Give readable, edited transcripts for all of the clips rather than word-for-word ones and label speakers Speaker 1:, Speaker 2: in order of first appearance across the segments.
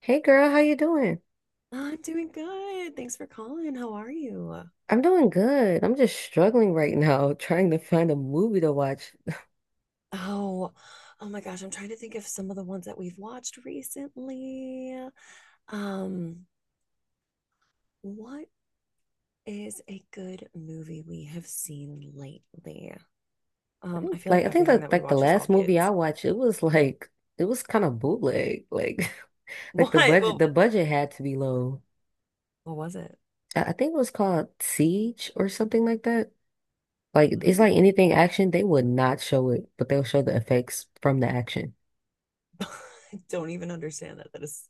Speaker 1: Hey girl, how you doing?
Speaker 2: I'm doing good. Thanks for calling. How are you?
Speaker 1: I'm doing good. I'm just struggling right now trying to find a movie to watch.
Speaker 2: Oh, oh my gosh, I'm trying to think of some of the ones that we've watched recently. Um, what is a good movie we have seen lately?
Speaker 1: I
Speaker 2: I
Speaker 1: think
Speaker 2: feel
Speaker 1: like
Speaker 2: like
Speaker 1: I think
Speaker 2: everything
Speaker 1: that
Speaker 2: that we
Speaker 1: like the
Speaker 2: watch is all
Speaker 1: last movie I
Speaker 2: kids.
Speaker 1: watched, it was like it was kind of bootleg. Like like the
Speaker 2: What?
Speaker 1: budget
Speaker 2: Well,
Speaker 1: the budget had to be low.
Speaker 2: what was it?
Speaker 1: I think it was called Siege or something like that. Like
Speaker 2: I
Speaker 1: it's
Speaker 2: don't,
Speaker 1: like anything action, they would not show it, but they'll show the effects from the action.
Speaker 2: I don't even understand that. That is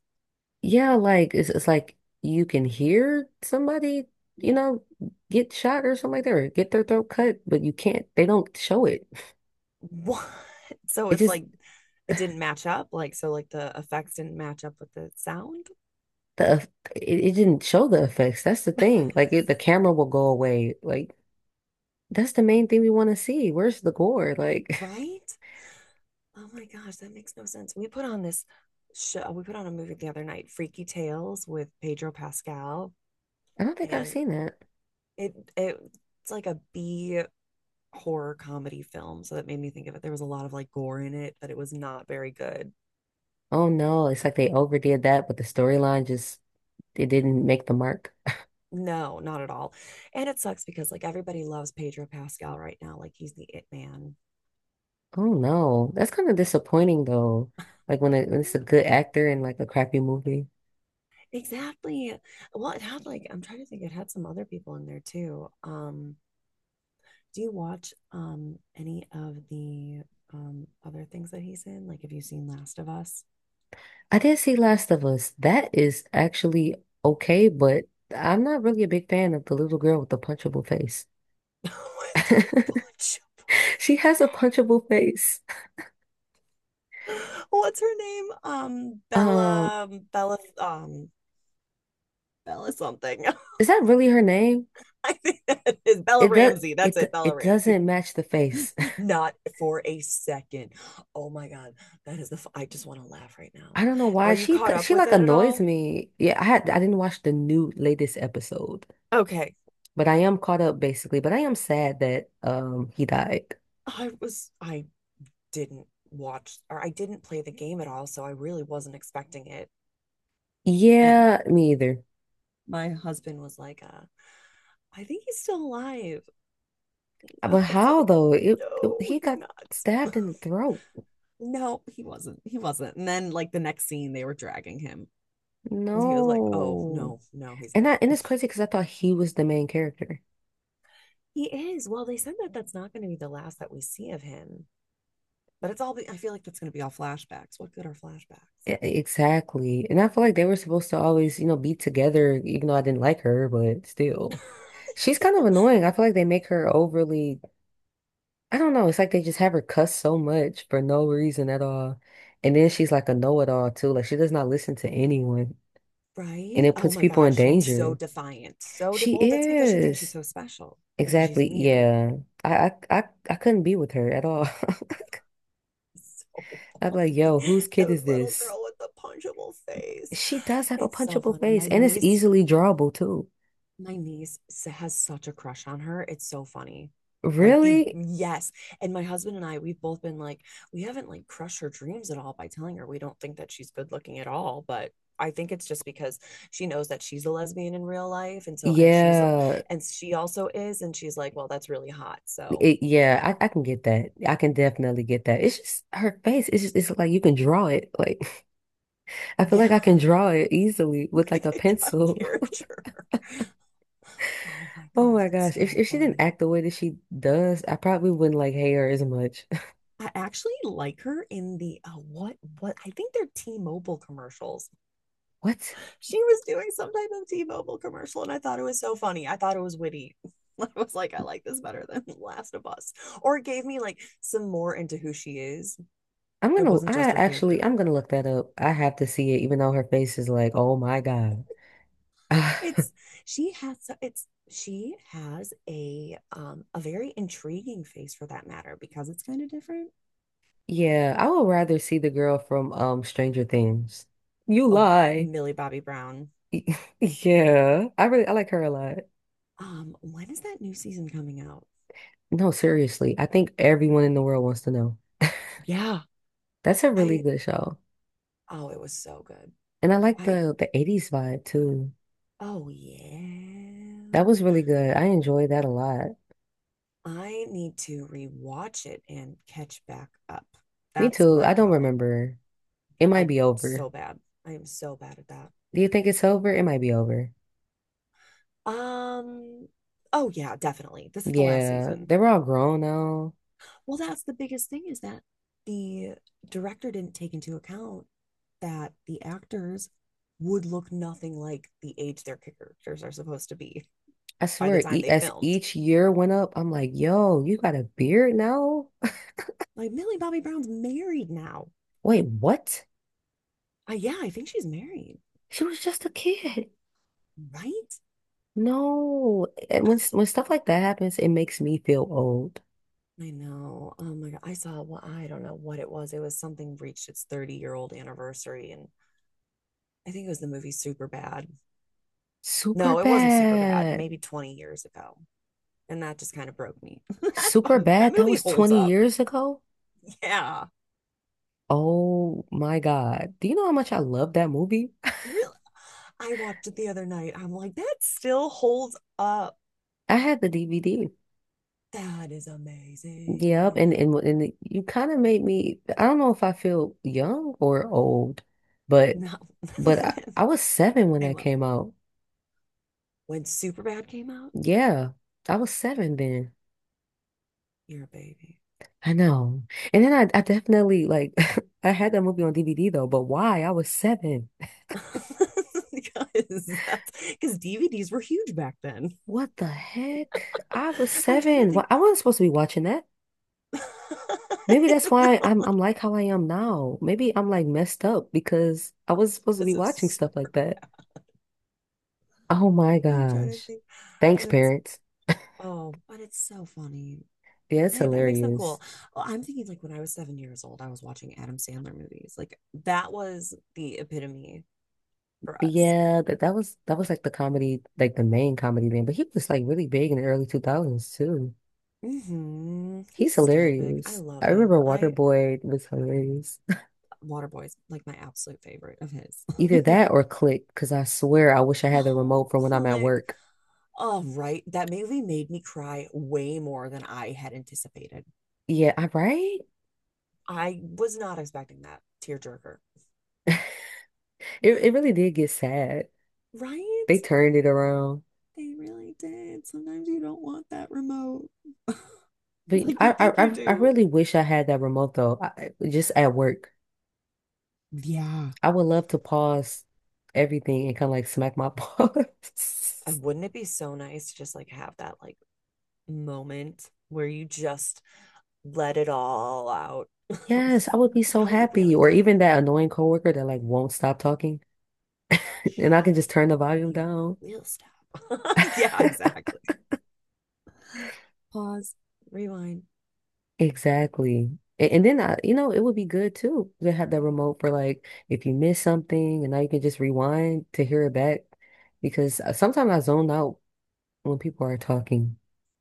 Speaker 1: Yeah, like it's like you can hear somebody, you know, get shot or something like that, or get their throat cut, but you can't. They don't show it.
Speaker 2: what? So
Speaker 1: It
Speaker 2: it's
Speaker 1: just
Speaker 2: like it didn't match up. Like, so like the effects didn't match up with the sound,
Speaker 1: the eff- it didn't show the effects. That's the thing. Like it, the camera will go away. Like that's the main thing we want to see. Where's the gore? Like
Speaker 2: right? Oh my gosh, that makes no sense. We put on a movie the other night, Freaky Tales with Pedro Pascal,
Speaker 1: I don't think I've
Speaker 2: and
Speaker 1: seen that.
Speaker 2: it, it it's like a B horror comedy film, so that made me think of it. There was a lot of like gore in it, but it was not very good.
Speaker 1: Oh no, it's like they overdid that, but the storyline just it didn't make the mark.
Speaker 2: No, not at all. And it sucks because like everybody loves Pedro Pascal right now, like he's the it man.
Speaker 1: Oh no, that's kind of disappointing though. Like when, it,
Speaker 2: Right.
Speaker 1: when it's a good actor in like a crappy movie.
Speaker 2: Exactly. Well, it had like I'm trying to think it had some other people in there too. Do you watch any of the other things that he's in? Like, have you seen Last of Us?
Speaker 1: I did see Last of Us. That is actually okay, but I'm not really a big fan of the little girl with the punchable face.
Speaker 2: With the bunch
Speaker 1: She has a punchable face.
Speaker 2: of- What's her name?
Speaker 1: Um,
Speaker 2: Bella something.
Speaker 1: is that really her name?
Speaker 2: I think that is Bella
Speaker 1: It does
Speaker 2: Ramsey. That's it, Bella
Speaker 1: it
Speaker 2: Ramsey.
Speaker 1: doesn't match the face.
Speaker 2: Not for a second. Oh my God, that is the. F- I just want to laugh right now.
Speaker 1: I don't know why
Speaker 2: Are you
Speaker 1: she
Speaker 2: caught up
Speaker 1: she
Speaker 2: with
Speaker 1: like
Speaker 2: it at
Speaker 1: annoys
Speaker 2: all?
Speaker 1: me. Yeah, I didn't watch the new latest episode,
Speaker 2: Okay,
Speaker 1: but I am caught up basically. But I am sad that he died.
Speaker 2: I was. I didn't watch or I didn't play the game at all, so I really wasn't expecting it. And
Speaker 1: Yeah, me either.
Speaker 2: my husband was like, I think he's still alive. I
Speaker 1: But
Speaker 2: was
Speaker 1: how
Speaker 2: like,
Speaker 1: though? It
Speaker 2: no,
Speaker 1: he
Speaker 2: he's
Speaker 1: got
Speaker 2: not.
Speaker 1: stabbed in the throat.
Speaker 2: No, he wasn't. He wasn't. And then, like, the next scene, they were dragging him. And he was like, oh,
Speaker 1: No.
Speaker 2: no, no, he's
Speaker 1: And
Speaker 2: not.
Speaker 1: I, and it's crazy because I thought he was the main character.
Speaker 2: He is. Well, they said that that's not going to be the last that we see of him. But it's all, I feel like that's going to be all flashbacks. What good are flashbacks?
Speaker 1: Exactly. And I feel like they were supposed to always, you know, be together, even though I didn't like her, but still. She's kind of annoying. I feel like they make her I don't know, it's like they just have her cuss so much for no reason at all. And then she's like a know-it-all too. Like she does not listen to anyone. And
Speaker 2: Right?
Speaker 1: it
Speaker 2: Oh
Speaker 1: puts
Speaker 2: my
Speaker 1: people
Speaker 2: God.
Speaker 1: in
Speaker 2: She's so
Speaker 1: danger.
Speaker 2: defiant. So, de-
Speaker 1: She
Speaker 2: well, that's because she thinks she's
Speaker 1: is.
Speaker 2: so special because she's
Speaker 1: Exactly.
Speaker 2: immune.
Speaker 1: Yeah. I I I, I couldn't be with her at all.
Speaker 2: So
Speaker 1: I'd be like,
Speaker 2: funny.
Speaker 1: yo, whose
Speaker 2: The
Speaker 1: kid is
Speaker 2: little
Speaker 1: this?
Speaker 2: girl with the punchable face.
Speaker 1: She does have a
Speaker 2: It's so
Speaker 1: punchable
Speaker 2: funny.
Speaker 1: face
Speaker 2: My
Speaker 1: and it's
Speaker 2: niece,
Speaker 1: easily drawable too.
Speaker 2: my niece has such a crush on her. It's so funny. Like the
Speaker 1: Really?
Speaker 2: yes. And my husband and I, we've both been like, we haven't like crushed her dreams at all by telling her we don't think that she's good looking at all, but I think it's just because she knows that she's a lesbian in real life. And so, and she's,
Speaker 1: Yeah.
Speaker 2: and she also is. And she's like, well, that's really hot. So,
Speaker 1: Yeah, I can get that. I can definitely get that. It's just her face. It's just it's like you can draw it. Like I feel
Speaker 2: yeah,
Speaker 1: like I can draw it easily with like a
Speaker 2: like I got a
Speaker 1: pencil.
Speaker 2: character. Oh my
Speaker 1: Oh
Speaker 2: gosh,
Speaker 1: my
Speaker 2: it's
Speaker 1: gosh.
Speaker 2: so
Speaker 1: If she didn't
Speaker 2: funny.
Speaker 1: act the way that she does, I probably wouldn't like hate her as much.
Speaker 2: I actually like her in the what I think they're T-Mobile commercials.
Speaker 1: What?
Speaker 2: She was doing some type of T-Mobile commercial, and I thought it was so funny. I thought it was witty. I was like, I like this better than Last of Us, or it gave me like some more into who she is.
Speaker 1: I'm
Speaker 2: It
Speaker 1: gonna
Speaker 2: wasn't
Speaker 1: I
Speaker 2: just her
Speaker 1: actually
Speaker 2: character.
Speaker 1: I'm gonna look that up. I have to see it, even though her face is like, oh my God.
Speaker 2: It's she has so, it's she has a very intriguing face for that matter because it's kind of different.
Speaker 1: Yeah, I would rather see the girl from Stranger Things. You
Speaker 2: Oh,
Speaker 1: lie.
Speaker 2: Millie Bobby Brown.
Speaker 1: Yeah, I like her a lot.
Speaker 2: When is that new season coming out?
Speaker 1: No, seriously, I think everyone in the world wants to know.
Speaker 2: Yeah.
Speaker 1: That's a really
Speaker 2: I
Speaker 1: good show.
Speaker 2: oh, it was so good.
Speaker 1: And I like
Speaker 2: I
Speaker 1: the 80s vibe too.
Speaker 2: oh yeah.
Speaker 1: That was really good. I enjoyed that a lot.
Speaker 2: I need to rewatch it and catch back up.
Speaker 1: Me
Speaker 2: That's
Speaker 1: too.
Speaker 2: my
Speaker 1: I don't
Speaker 2: problem.
Speaker 1: remember. It might
Speaker 2: I
Speaker 1: be over.
Speaker 2: so bad. I am so bad at that.
Speaker 1: Do you think it's over? It might be over.
Speaker 2: Um oh yeah, definitely. This is the last
Speaker 1: Yeah,
Speaker 2: season.
Speaker 1: they were all grown now.
Speaker 2: Well, that's the biggest thing is that the director didn't take into account that the actors would look nothing like the age their characters are supposed to be,
Speaker 1: I
Speaker 2: by the
Speaker 1: swear,
Speaker 2: time
Speaker 1: e
Speaker 2: they
Speaker 1: as
Speaker 2: filmed.
Speaker 1: each year went up, I'm like, yo, you got a beard now?
Speaker 2: Like Millie Bobby Brown's married now.
Speaker 1: Wait, what?
Speaker 2: Yeah, I think she's married,
Speaker 1: She was just a kid.
Speaker 2: right?
Speaker 1: No, and when stuff like that happens, it makes me feel old.
Speaker 2: I know. Oh my God. I saw, well, I don't know what it was. It was something reached its 30-year-old anniversary. And I think it was the movie Super Bad.
Speaker 1: Super
Speaker 2: No, it wasn't Super Bad,
Speaker 1: bad.
Speaker 2: maybe 20 years ago. And that just kind of broke me.
Speaker 1: Super
Speaker 2: That
Speaker 1: bad. That
Speaker 2: movie
Speaker 1: was
Speaker 2: holds
Speaker 1: 20
Speaker 2: up.
Speaker 1: years ago.
Speaker 2: Yeah.
Speaker 1: Oh my God. Do you know how much I love that movie?
Speaker 2: Really? I watched it the other night. I'm like, that still holds up.
Speaker 1: I had the DVD.
Speaker 2: That is
Speaker 1: Yep,
Speaker 2: amazing.
Speaker 1: and you kind of made me. I don't know if I feel young or old, but
Speaker 2: No,
Speaker 1: I was seven when
Speaker 2: same
Speaker 1: that
Speaker 2: level.
Speaker 1: came out.
Speaker 2: When Superbad came out,
Speaker 1: Yeah, I was seven then.
Speaker 2: you're a baby.
Speaker 1: I know. And then I definitely like I had that movie on DVD though, but why? I was seven.
Speaker 2: Because that's because DVDs were huge back then.
Speaker 1: What the heck? I was
Speaker 2: I'm trying to
Speaker 1: seven. Why
Speaker 2: think.
Speaker 1: I wasn't supposed to be watching that. Maybe that's why
Speaker 2: No,
Speaker 1: I'm like how I am now. Maybe I'm like messed up because I wasn't supposed to be
Speaker 2: because of
Speaker 1: watching stuff like
Speaker 2: super.
Speaker 1: that. Oh my
Speaker 2: I'm trying to
Speaker 1: gosh.
Speaker 2: think.
Speaker 1: Thanks,
Speaker 2: That's
Speaker 1: parents.
Speaker 2: oh, but it's so funny.
Speaker 1: Yeah, it's
Speaker 2: Hey, that makes them
Speaker 1: hilarious.
Speaker 2: cool. Well, I'm thinking like when I was 7 years old, I was watching Adam Sandler movies. Like that was the epitome for
Speaker 1: But
Speaker 2: us.
Speaker 1: yeah, that was that was like the comedy, like the main comedy then. But he was like really big in the early 2000s too.
Speaker 2: Hmm.
Speaker 1: He's
Speaker 2: He's still big. I
Speaker 1: hilarious.
Speaker 2: love
Speaker 1: I remember
Speaker 2: him. I
Speaker 1: Waterboy was hilarious.
Speaker 2: Waterboy's like my absolute favorite of his.
Speaker 1: Either that or Click, because I swear I wish I had the
Speaker 2: Oh,
Speaker 1: remote for when I'm at
Speaker 2: click.
Speaker 1: work.
Speaker 2: Oh, right. That movie made me cry way more than I had anticipated.
Speaker 1: Yeah, I right?
Speaker 2: I was not expecting that tearjerker.
Speaker 1: It really did get sad.
Speaker 2: Right?
Speaker 1: They turned it around.
Speaker 2: They really did. Sometimes you don't want that remote.
Speaker 1: But
Speaker 2: Like
Speaker 1: I
Speaker 2: you think
Speaker 1: I
Speaker 2: you
Speaker 1: I I
Speaker 2: do.
Speaker 1: really wish I had that remote though. Just at work.
Speaker 2: Yeah.
Speaker 1: I would love to pause everything and kind of like smack my paws.
Speaker 2: And wouldn't it be so nice to just like have that like moment where you just let it all out?
Speaker 1: Yes, I would be so
Speaker 2: How you
Speaker 1: happy.
Speaker 2: really
Speaker 1: Or
Speaker 2: feel.
Speaker 1: even that annoying coworker that like won't stop talking and I can just turn the volume
Speaker 2: You
Speaker 1: down.
Speaker 2: will stop. Yeah, exactly. Pause, rewind.
Speaker 1: Exactly. And then you know, it would be good too to have the remote for like if you miss something and now you can just rewind to hear it back because sometimes I zone out when people are talking.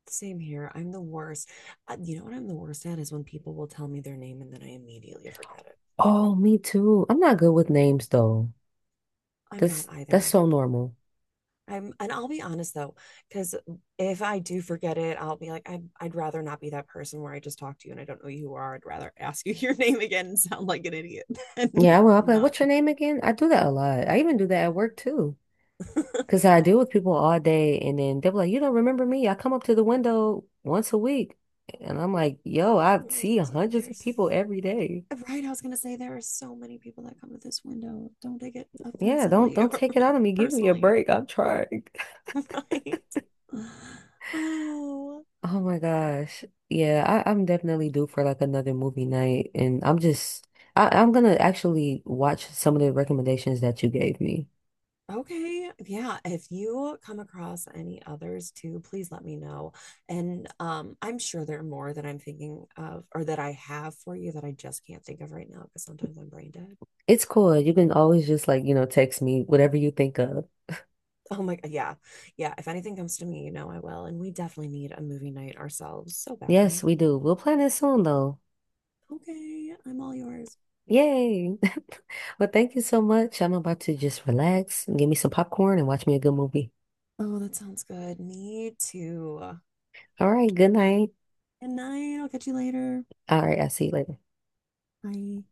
Speaker 2: Same here. I'm the worst. You know what I'm the worst at is when people will tell me their name and then I immediately forget it.
Speaker 1: Oh, me too. I'm not good with names though.
Speaker 2: I'm not
Speaker 1: That's
Speaker 2: either.
Speaker 1: so normal.
Speaker 2: I'm, and I'll be honest though, because if I do forget it, I'll be like, I, I'd rather not be that person where I just talk to you and I don't know who you are. I'd rather ask you your name again and sound like an idiot
Speaker 1: Yeah,
Speaker 2: than
Speaker 1: well, I'll be like,
Speaker 2: not.
Speaker 1: what's your name again? I do that a lot. I even do that at work too. Because I deal with people all day and then they'll be like, you don't remember me? I come up to the window once a week. And I'm like, yo, I
Speaker 2: Like,
Speaker 1: see hundreds of
Speaker 2: there's
Speaker 1: people every day.
Speaker 2: right, I was gonna say there are so many people that come to this window. Don't take it
Speaker 1: Yeah, don't
Speaker 2: offensively
Speaker 1: don't
Speaker 2: or
Speaker 1: take it out of me. Give me a
Speaker 2: personally.
Speaker 1: break. I'm trying.
Speaker 2: Right. Oh,
Speaker 1: Oh my gosh. Yeah, I'm definitely due for like another movie night. And I'm gonna actually watch some of the recommendations that you gave me.
Speaker 2: okay. Yeah. If you come across any others too, please let me know. And I'm sure there are more that I'm thinking of or that I have for you that I just can't think of right now because sometimes I'm brain dead.
Speaker 1: It's cool. You can always just like, you know, text me whatever you think of.
Speaker 2: Oh my God. Yeah. Yeah. If anything comes to me, you know I will. And we definitely need a movie night ourselves so
Speaker 1: Yes,
Speaker 2: badly.
Speaker 1: we do. We'll plan it soon though.
Speaker 2: Okay. I'm all yours.
Speaker 1: Yay. Well, thank you so much. I'm about to just relax and give me some popcorn and watch me a good movie.
Speaker 2: Oh, that sounds good. Me too.
Speaker 1: All right, good night.
Speaker 2: Good night. I'll catch you later.
Speaker 1: All right, I'll see you later.
Speaker 2: Bye.